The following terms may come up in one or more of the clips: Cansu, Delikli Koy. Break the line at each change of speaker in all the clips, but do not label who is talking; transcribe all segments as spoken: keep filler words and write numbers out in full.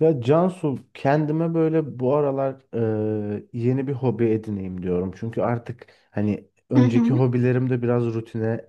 Ya Cansu, kendime böyle bu aralar e, yeni bir hobi edineyim diyorum. Çünkü artık hani
Hı
önceki
hı.
hobilerim de biraz rutine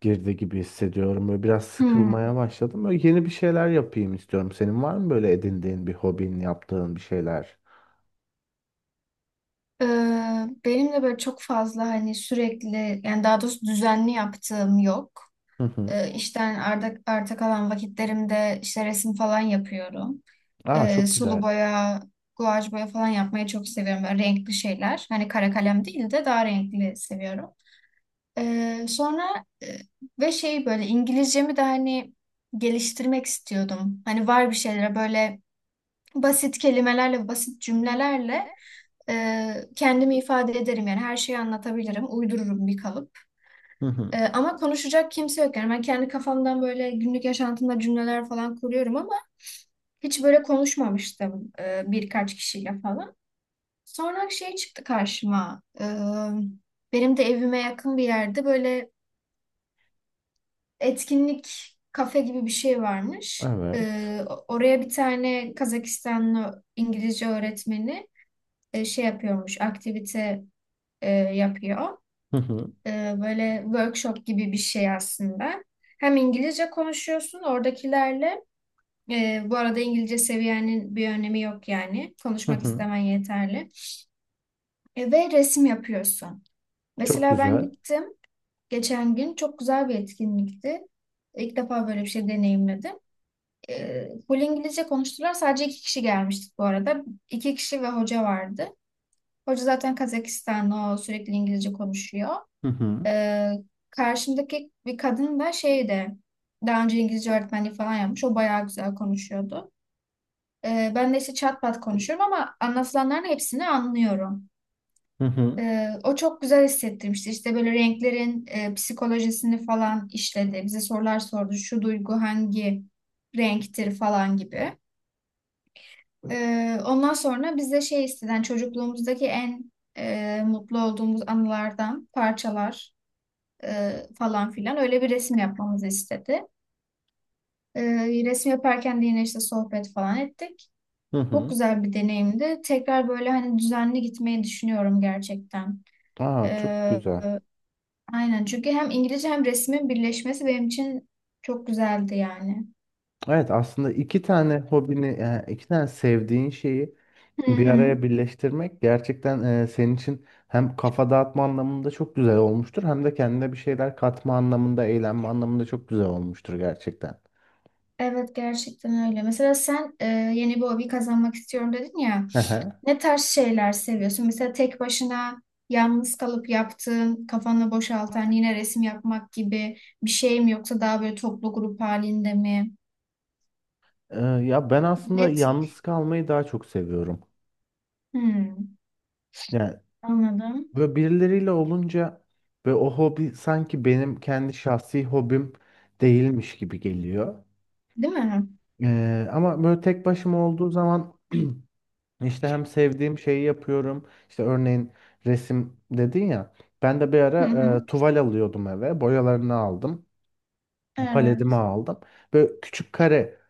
girdi gibi hissediyorum. Böyle biraz
Hı.
sıkılmaya başladım. Böyle yeni bir şeyler yapayım istiyorum. Senin var mı böyle edindiğin bir hobin, yaptığın bir şeyler?
Ee, benim de böyle çok fazla hani sürekli yani daha doğrusu düzenli yaptığım yok.
Hı hı.
Ee, işten arda, arta kalan vakitlerimde işte resim falan yapıyorum.
Aa
Ee,
çok
sulu
güzel.
boya, guaj boya falan yapmayı çok seviyorum. Böyle renkli şeyler. Hani kara kalem değil de daha renkli seviyorum. Ee, sonra e, ve şey böyle İngilizcemi de hani geliştirmek istiyordum. Hani var bir şeylere böyle basit kelimelerle, basit cümlelerle Ee, kendimi ifade ederim yani her şeyi anlatabilirim. Uydururum bir kalıp.
Hı hı.
Ee, ama konuşacak kimse yok. Yani ben kendi kafamdan böyle günlük yaşantımda cümleler falan kuruyorum ama hiç böyle konuşmamıştım e, birkaç kişiyle falan. Sonra şey çıktı karşıma. Ee, benim de evime yakın bir yerde böyle etkinlik kafe gibi bir şey varmış.
Evet.
Ee, o- oraya bir tane Kazakistanlı İngilizce öğretmeni e, şey yapıyormuş, aktivite e, yapıyor.
Hı hı.
E, böyle workshop gibi bir şey aslında. Hem İngilizce konuşuyorsun oradakilerle. E, bu arada İngilizce seviyenin bir önemi yok yani.
Hı
Konuşmak
hı.
istemen yeterli. E, ve resim yapıyorsun.
Çok
Mesela ben
güzel.
gittim geçen gün. Çok güzel bir etkinlikti. İlk defa böyle bir şey deneyimledim. E, full İngilizce konuştular. Sadece iki kişi gelmiştik bu arada. İki kişi ve hoca vardı. Hoca zaten Kazakistanlı, o sürekli İngilizce konuşuyor.
Hı hı.
Ee, Karşımdaki bir kadın da şeyde daha önce İngilizce öğretmenliği falan yapmış. O bayağı güzel konuşuyordu. Ee, ben de işte çat pat konuşuyorum ama anlatılanların hepsini anlıyorum.
Hı hı.
Ee, o çok güzel hissettirmişti. İşte böyle renklerin e, psikolojisini falan işledi. Bize sorular sordu. Şu duygu hangi renktir falan gibi. Ee, ondan sonra bize şey isteden çocukluğumuzdaki en e, mutlu olduğumuz anılardan parçalar e, falan filan öyle bir resim yapmamızı istedi. E, Resim yaparken de yine işte sohbet falan ettik.
Hı
Çok
hı.
güzel bir deneyimdi. Tekrar böyle hani düzenli gitmeyi düşünüyorum gerçekten. E,
Aa çok güzel.
e, aynen çünkü hem İngilizce hem resmin birleşmesi benim için çok güzeldi yani.
Evet, aslında iki tane hobini, yani iki tane sevdiğin şeyi
Hı
Bir
hı.
araya birleştirmek gerçekten e, senin için hem kafa dağıtma anlamında çok güzel olmuştur, hem de kendine bir şeyler katma anlamında, eğlenme anlamında çok güzel olmuştur gerçekten.
Evet gerçekten öyle. Mesela sen e, yeni bir hobi kazanmak istiyorum dedin ya.
E,
Ne tarz şeyler seviyorsun? Mesela tek başına yalnız kalıp yaptığın, kafanı boşaltan, yine resim yapmak gibi bir şey mi yoksa daha böyle toplu grup halinde mi?
Ya ben aslında
Ne tür?
yalnız kalmayı daha çok seviyorum.
Hmm,
Yani
anladım.
böyle birileriyle olunca ve o hobi sanki benim kendi şahsi hobim değilmiş gibi geliyor.
Değil mi?
E, ama böyle tek başıma olduğu zaman İşte hem sevdiğim şeyi yapıyorum. İşte örneğin resim dedin ya. Ben de bir
Hı
ara
hı.
e, tuval alıyordum eve. Boyalarını aldım. Paletimi
Evet.
aldım. Böyle küçük kare,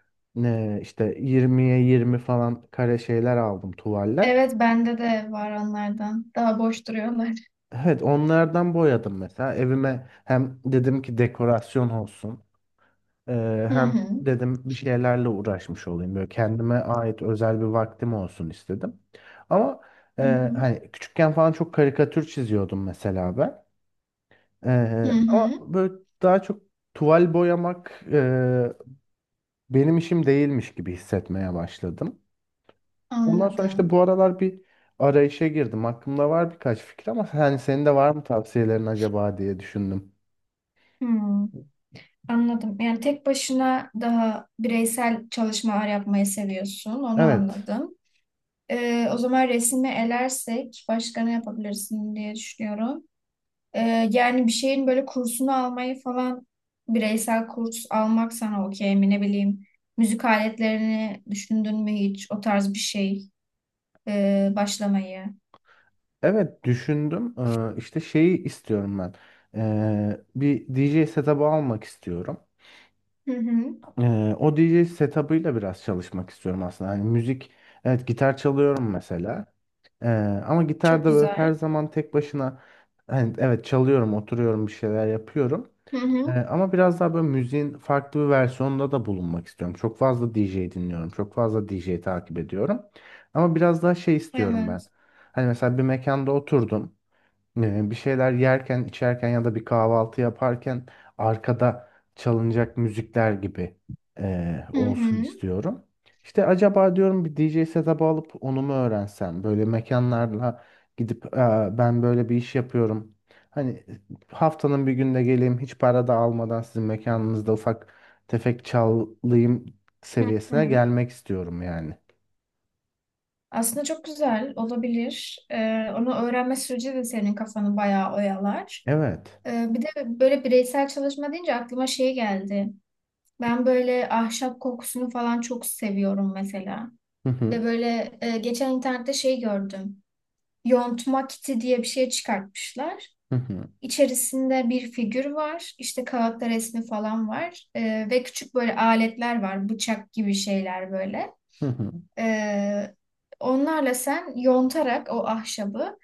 e, işte yirmiye yirmi falan kare şeyler aldım, tuvaller.
Evet bende de var onlardan. Daha boş duruyorlar.
Evet, onlardan boyadım mesela. Evime hem dedim ki dekorasyon olsun. Ee,
Hı
hem
hı.
dedim bir şeylerle uğraşmış olayım. Böyle kendime ait özel bir vaktim olsun istedim. Ama e,
Hı hı.
hani küçükken falan çok karikatür çiziyordum mesela ben.
Hı
Ee, ama
hı.
böyle daha çok tuval boyamak e, benim işim değilmiş gibi hissetmeye başladım. Ondan sonra işte
Anladım.
bu aralar bir arayışa girdim. Aklımda var birkaç fikir ama hani senin de var mı tavsiyelerin acaba diye düşündüm.
Hmm, anladım. Yani tek başına daha bireysel çalışmalar yapmayı seviyorsun. Onu
Evet.
anladım. Ee, o zaman resmi elersek başka ne yapabilirsin diye düşünüyorum. Ee, yani bir şeyin böyle kursunu almayı falan bireysel kurs almak sana okey mi ne bileyim. Müzik aletlerini düşündün mü hiç o tarz bir şey ee, başlamayı?
Evet, düşündüm. Ee, işte şeyi istiyorum ben. Ee, bir D J setup'ı almak istiyorum.
Hı hı.
Ee, o D J setup'ıyla biraz çalışmak istiyorum aslında. Hani müzik, evet, gitar çalıyorum mesela. Ee, Ama
Çok
gitarda böyle her
güzel.
zaman tek başına, hani evet, çalıyorum, oturuyorum, bir şeyler yapıyorum.
Hı
Ee,
hı.
ama biraz daha böyle müziğin farklı bir versiyonunda da bulunmak istiyorum. Çok fazla D J dinliyorum. Çok fazla D J takip ediyorum. Ama biraz daha şey istiyorum ben.
Evet.
Hani mesela bir mekanda oturdum, e, bir şeyler yerken, içerken ya da bir kahvaltı yaparken arkada çalınacak müzikler gibi e,
Hı
olsun
hı.
istiyorum. İşte acaba diyorum, bir D J setup'ı alıp onu mu öğrensem? Böyle mekanlarla gidip, "Aa, ben böyle bir iş yapıyorum. Hani haftanın bir günde geleyim, hiç para da almadan sizin mekanınızda ufak tefek çalayım"
Hı
seviyesine
hı.
gelmek istiyorum yani.
Aslında çok güzel olabilir. Ee, onu öğrenme süreci de senin kafanı bayağı oyalar.
Evet.
Ee, bir de böyle bireysel çalışma deyince aklıma şey geldi. Ben böyle ahşap kokusunu falan çok seviyorum mesela.
Hı
Ve
hı.
böyle e, geçen internette şey gördüm. Yontma kiti diye bir şey çıkartmışlar.
Hı hı.
İçerisinde bir figür var. İşte kağıtta resmi falan var. E, ve küçük böyle aletler var. Bıçak gibi şeyler böyle.
Hı hı.
E, Onlarla sen yontarak o ahşabı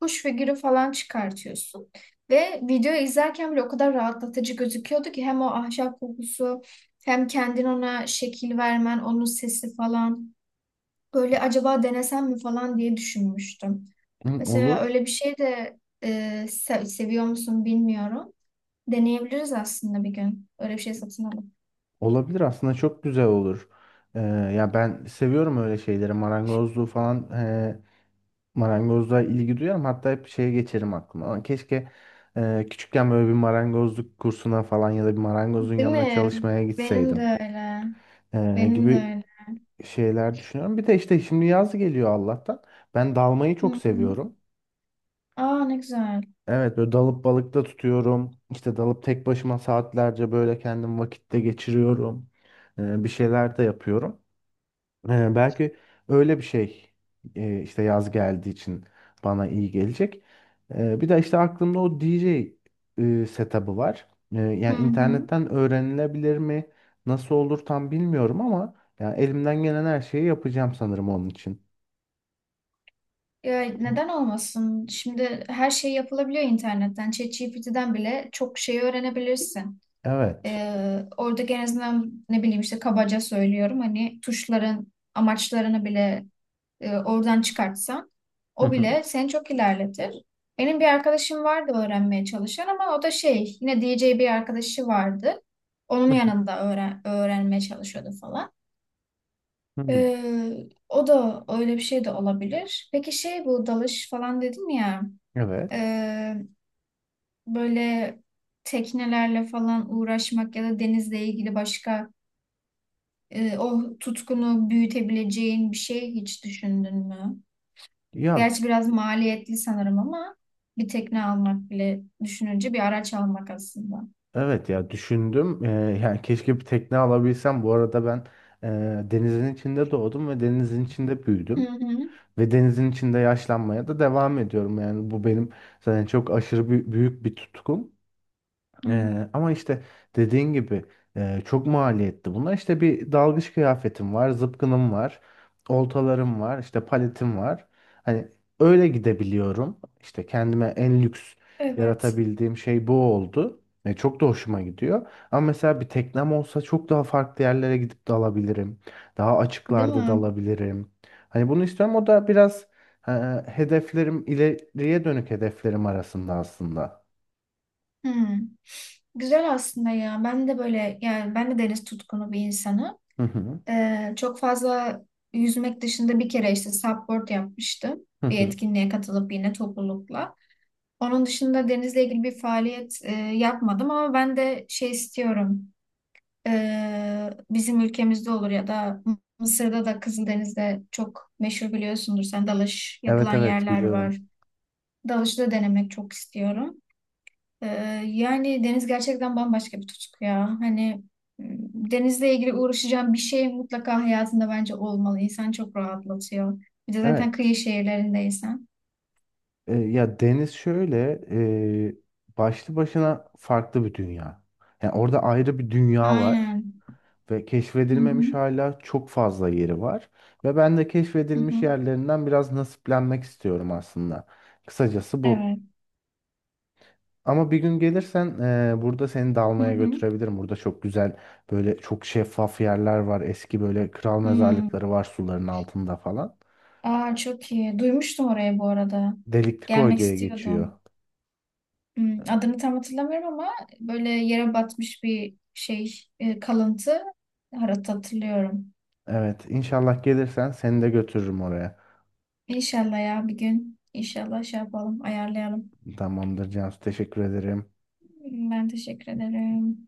kuş figürü falan çıkartıyorsun. Ve videoyu izlerken bile o kadar rahatlatıcı gözüküyordu ki hem o ahşap kokusu hem kendin ona şekil vermen, onun sesi falan. Böyle acaba denesem mi falan diye düşünmüştüm.
Hı,
Mesela öyle
olur.
bir şey de e, se- seviyor musun bilmiyorum. Deneyebiliriz aslında bir gün. Öyle bir şey satın alalım.
Olabilir, aslında çok güzel olur. Ee, ya ben seviyorum öyle şeyleri. Marangozluğu falan, e, marangozluğa ilgi duyarım. Hatta hep şeye geçerim aklıma. Lan, keşke e, küçükken böyle bir marangozluk kursuna falan ya da bir marangozun
Değil
yanına
mi?
çalışmaya
Benim de
gitseydim
öyle.
e,
Benim de
gibi
öyle.
şeyler düşünüyorum. Bir de işte şimdi yaz geliyor Allah'tan. Ben dalmayı
Hı
çok
hı.
seviyorum.
Aa ne güzel.
Evet, böyle dalıp balıkta tutuyorum. İşte dalıp tek başıma saatlerce böyle kendim vakitte geçiriyorum. E, bir şeyler de yapıyorum. Ee, belki öyle bir şey, e, işte yaz geldiği için bana iyi gelecek. Ee, bir de işte aklımda o D J e, setup'ı var. Ee,
Hı
yani
hı.
internetten öğrenilebilir mi? Nasıl olur tam bilmiyorum ama yani elimden gelen her şeyi yapacağım sanırım onun için.
Ya neden olmasın? Şimdi her şey yapılabiliyor internetten. ChatGPT'den bile çok şey öğrenebilirsin.
Evet.
Ee, orada en azından ne bileyim işte kabaca söylüyorum hani tuşların amaçlarını bile e, oradan çıkartsan
Hı
o
hı,
bile seni çok ilerletir. Benim bir arkadaşım vardı öğrenmeye çalışan ama o da şey yine D J bir arkadaşı vardı. Onun
hı hı,
yanında öğren öğrenmeye çalışıyordu falan.
hı.
Ee, O da öyle bir şey de olabilir. Peki şey bu dalış falan dedim ya e,
Evet.
böyle teknelerle falan uğraşmak ya da denizle ilgili başka e, o tutkunu büyütebileceğin bir şey hiç düşündün mü?
Ya
Gerçi biraz maliyetli sanırım ama bir tekne almak bile düşününce bir araç almak aslında.
evet, ya düşündüm. Ee, yani keşke bir tekne alabilsem. Bu arada ben e, denizin içinde doğdum ve denizin içinde
Hı
büyüdüm.
hı.
Ve denizin içinde yaşlanmaya da devam ediyorum. Yani bu benim zaten çok aşırı bü- büyük bir tutkum.
Hı.
Ee, ama işte dediğin gibi e, çok maliyetli bunlar. İşte bir dalgıç kıyafetim var, zıpkınım var, oltalarım var, işte paletim var. Hani öyle gidebiliyorum. İşte kendime en lüks
Evet.
yaratabildiğim şey bu oldu. Ve çok da hoşuma gidiyor. Ama mesela bir teknem olsa çok daha farklı yerlere gidip dalabilirim. Daha
Değil
açıklarda
mi?
dalabilirim. Hani bunu istiyorum. O da biraz e, hedeflerim, ileriye dönük hedeflerim arasında aslında.
Hı. Güzel aslında ya. Ben de böyle yani ben de deniz tutkunu bir insanım.
Hı hı.
Ee, çok fazla yüzmek dışında bir kere işte supboard yapmıştım.
Hı
Bir
hı.
etkinliğe katılıp yine toplulukla. Onun dışında denizle ilgili bir faaliyet e, yapmadım ama ben de şey istiyorum. Ee, bizim ülkemizde olur ya da Mısır'da da Kızıldeniz'de çok meşhur biliyorsundur sen dalış
Evet,
yapılan
evet
yerler var.
biliyorum.
Dalışı da denemek çok istiyorum. Ee, Yani deniz gerçekten bambaşka bir tutku ya. Hani m, denizle ilgili uğraşacağım bir şey mutlaka hayatında bence olmalı. İnsan çok rahatlatıyor. Bir de zaten kıyı
Evet.
şehirlerindeysen.
E, ya deniz şöyle e, başlı başına farklı bir dünya. Yani orada ayrı bir dünya var
Aynen.
ve
Hı
keşfedilmemiş
hı.
hala çok fazla yeri var ve ben de
Hı
keşfedilmiş
hı.
yerlerinden biraz nasiplenmek istiyorum aslında. Kısacası bu.
Evet.
Ama bir gün gelirsen e, burada seni
Hı
dalmaya
hı.
götürebilirim. Burada çok güzel böyle çok şeffaf yerler var. Eski böyle kral
Hmm.
mezarlıkları var suların altında falan.
Aa, çok iyi. Duymuştum orayı bu arada.
Delikli Koy
Gelmek
diye geçiyor.
istiyordum. Hmm, adını tam hatırlamıyorum ama böyle yere batmış bir şey e, kalıntı harita hatırlıyorum.
Evet, inşallah gelirsen seni de götürürüm oraya.
İnşallah ya bir gün. İnşallah şey yapalım, ayarlayalım.
Tamamdır Cansu, teşekkür ederim.
Tamam, ben teşekkür ederim.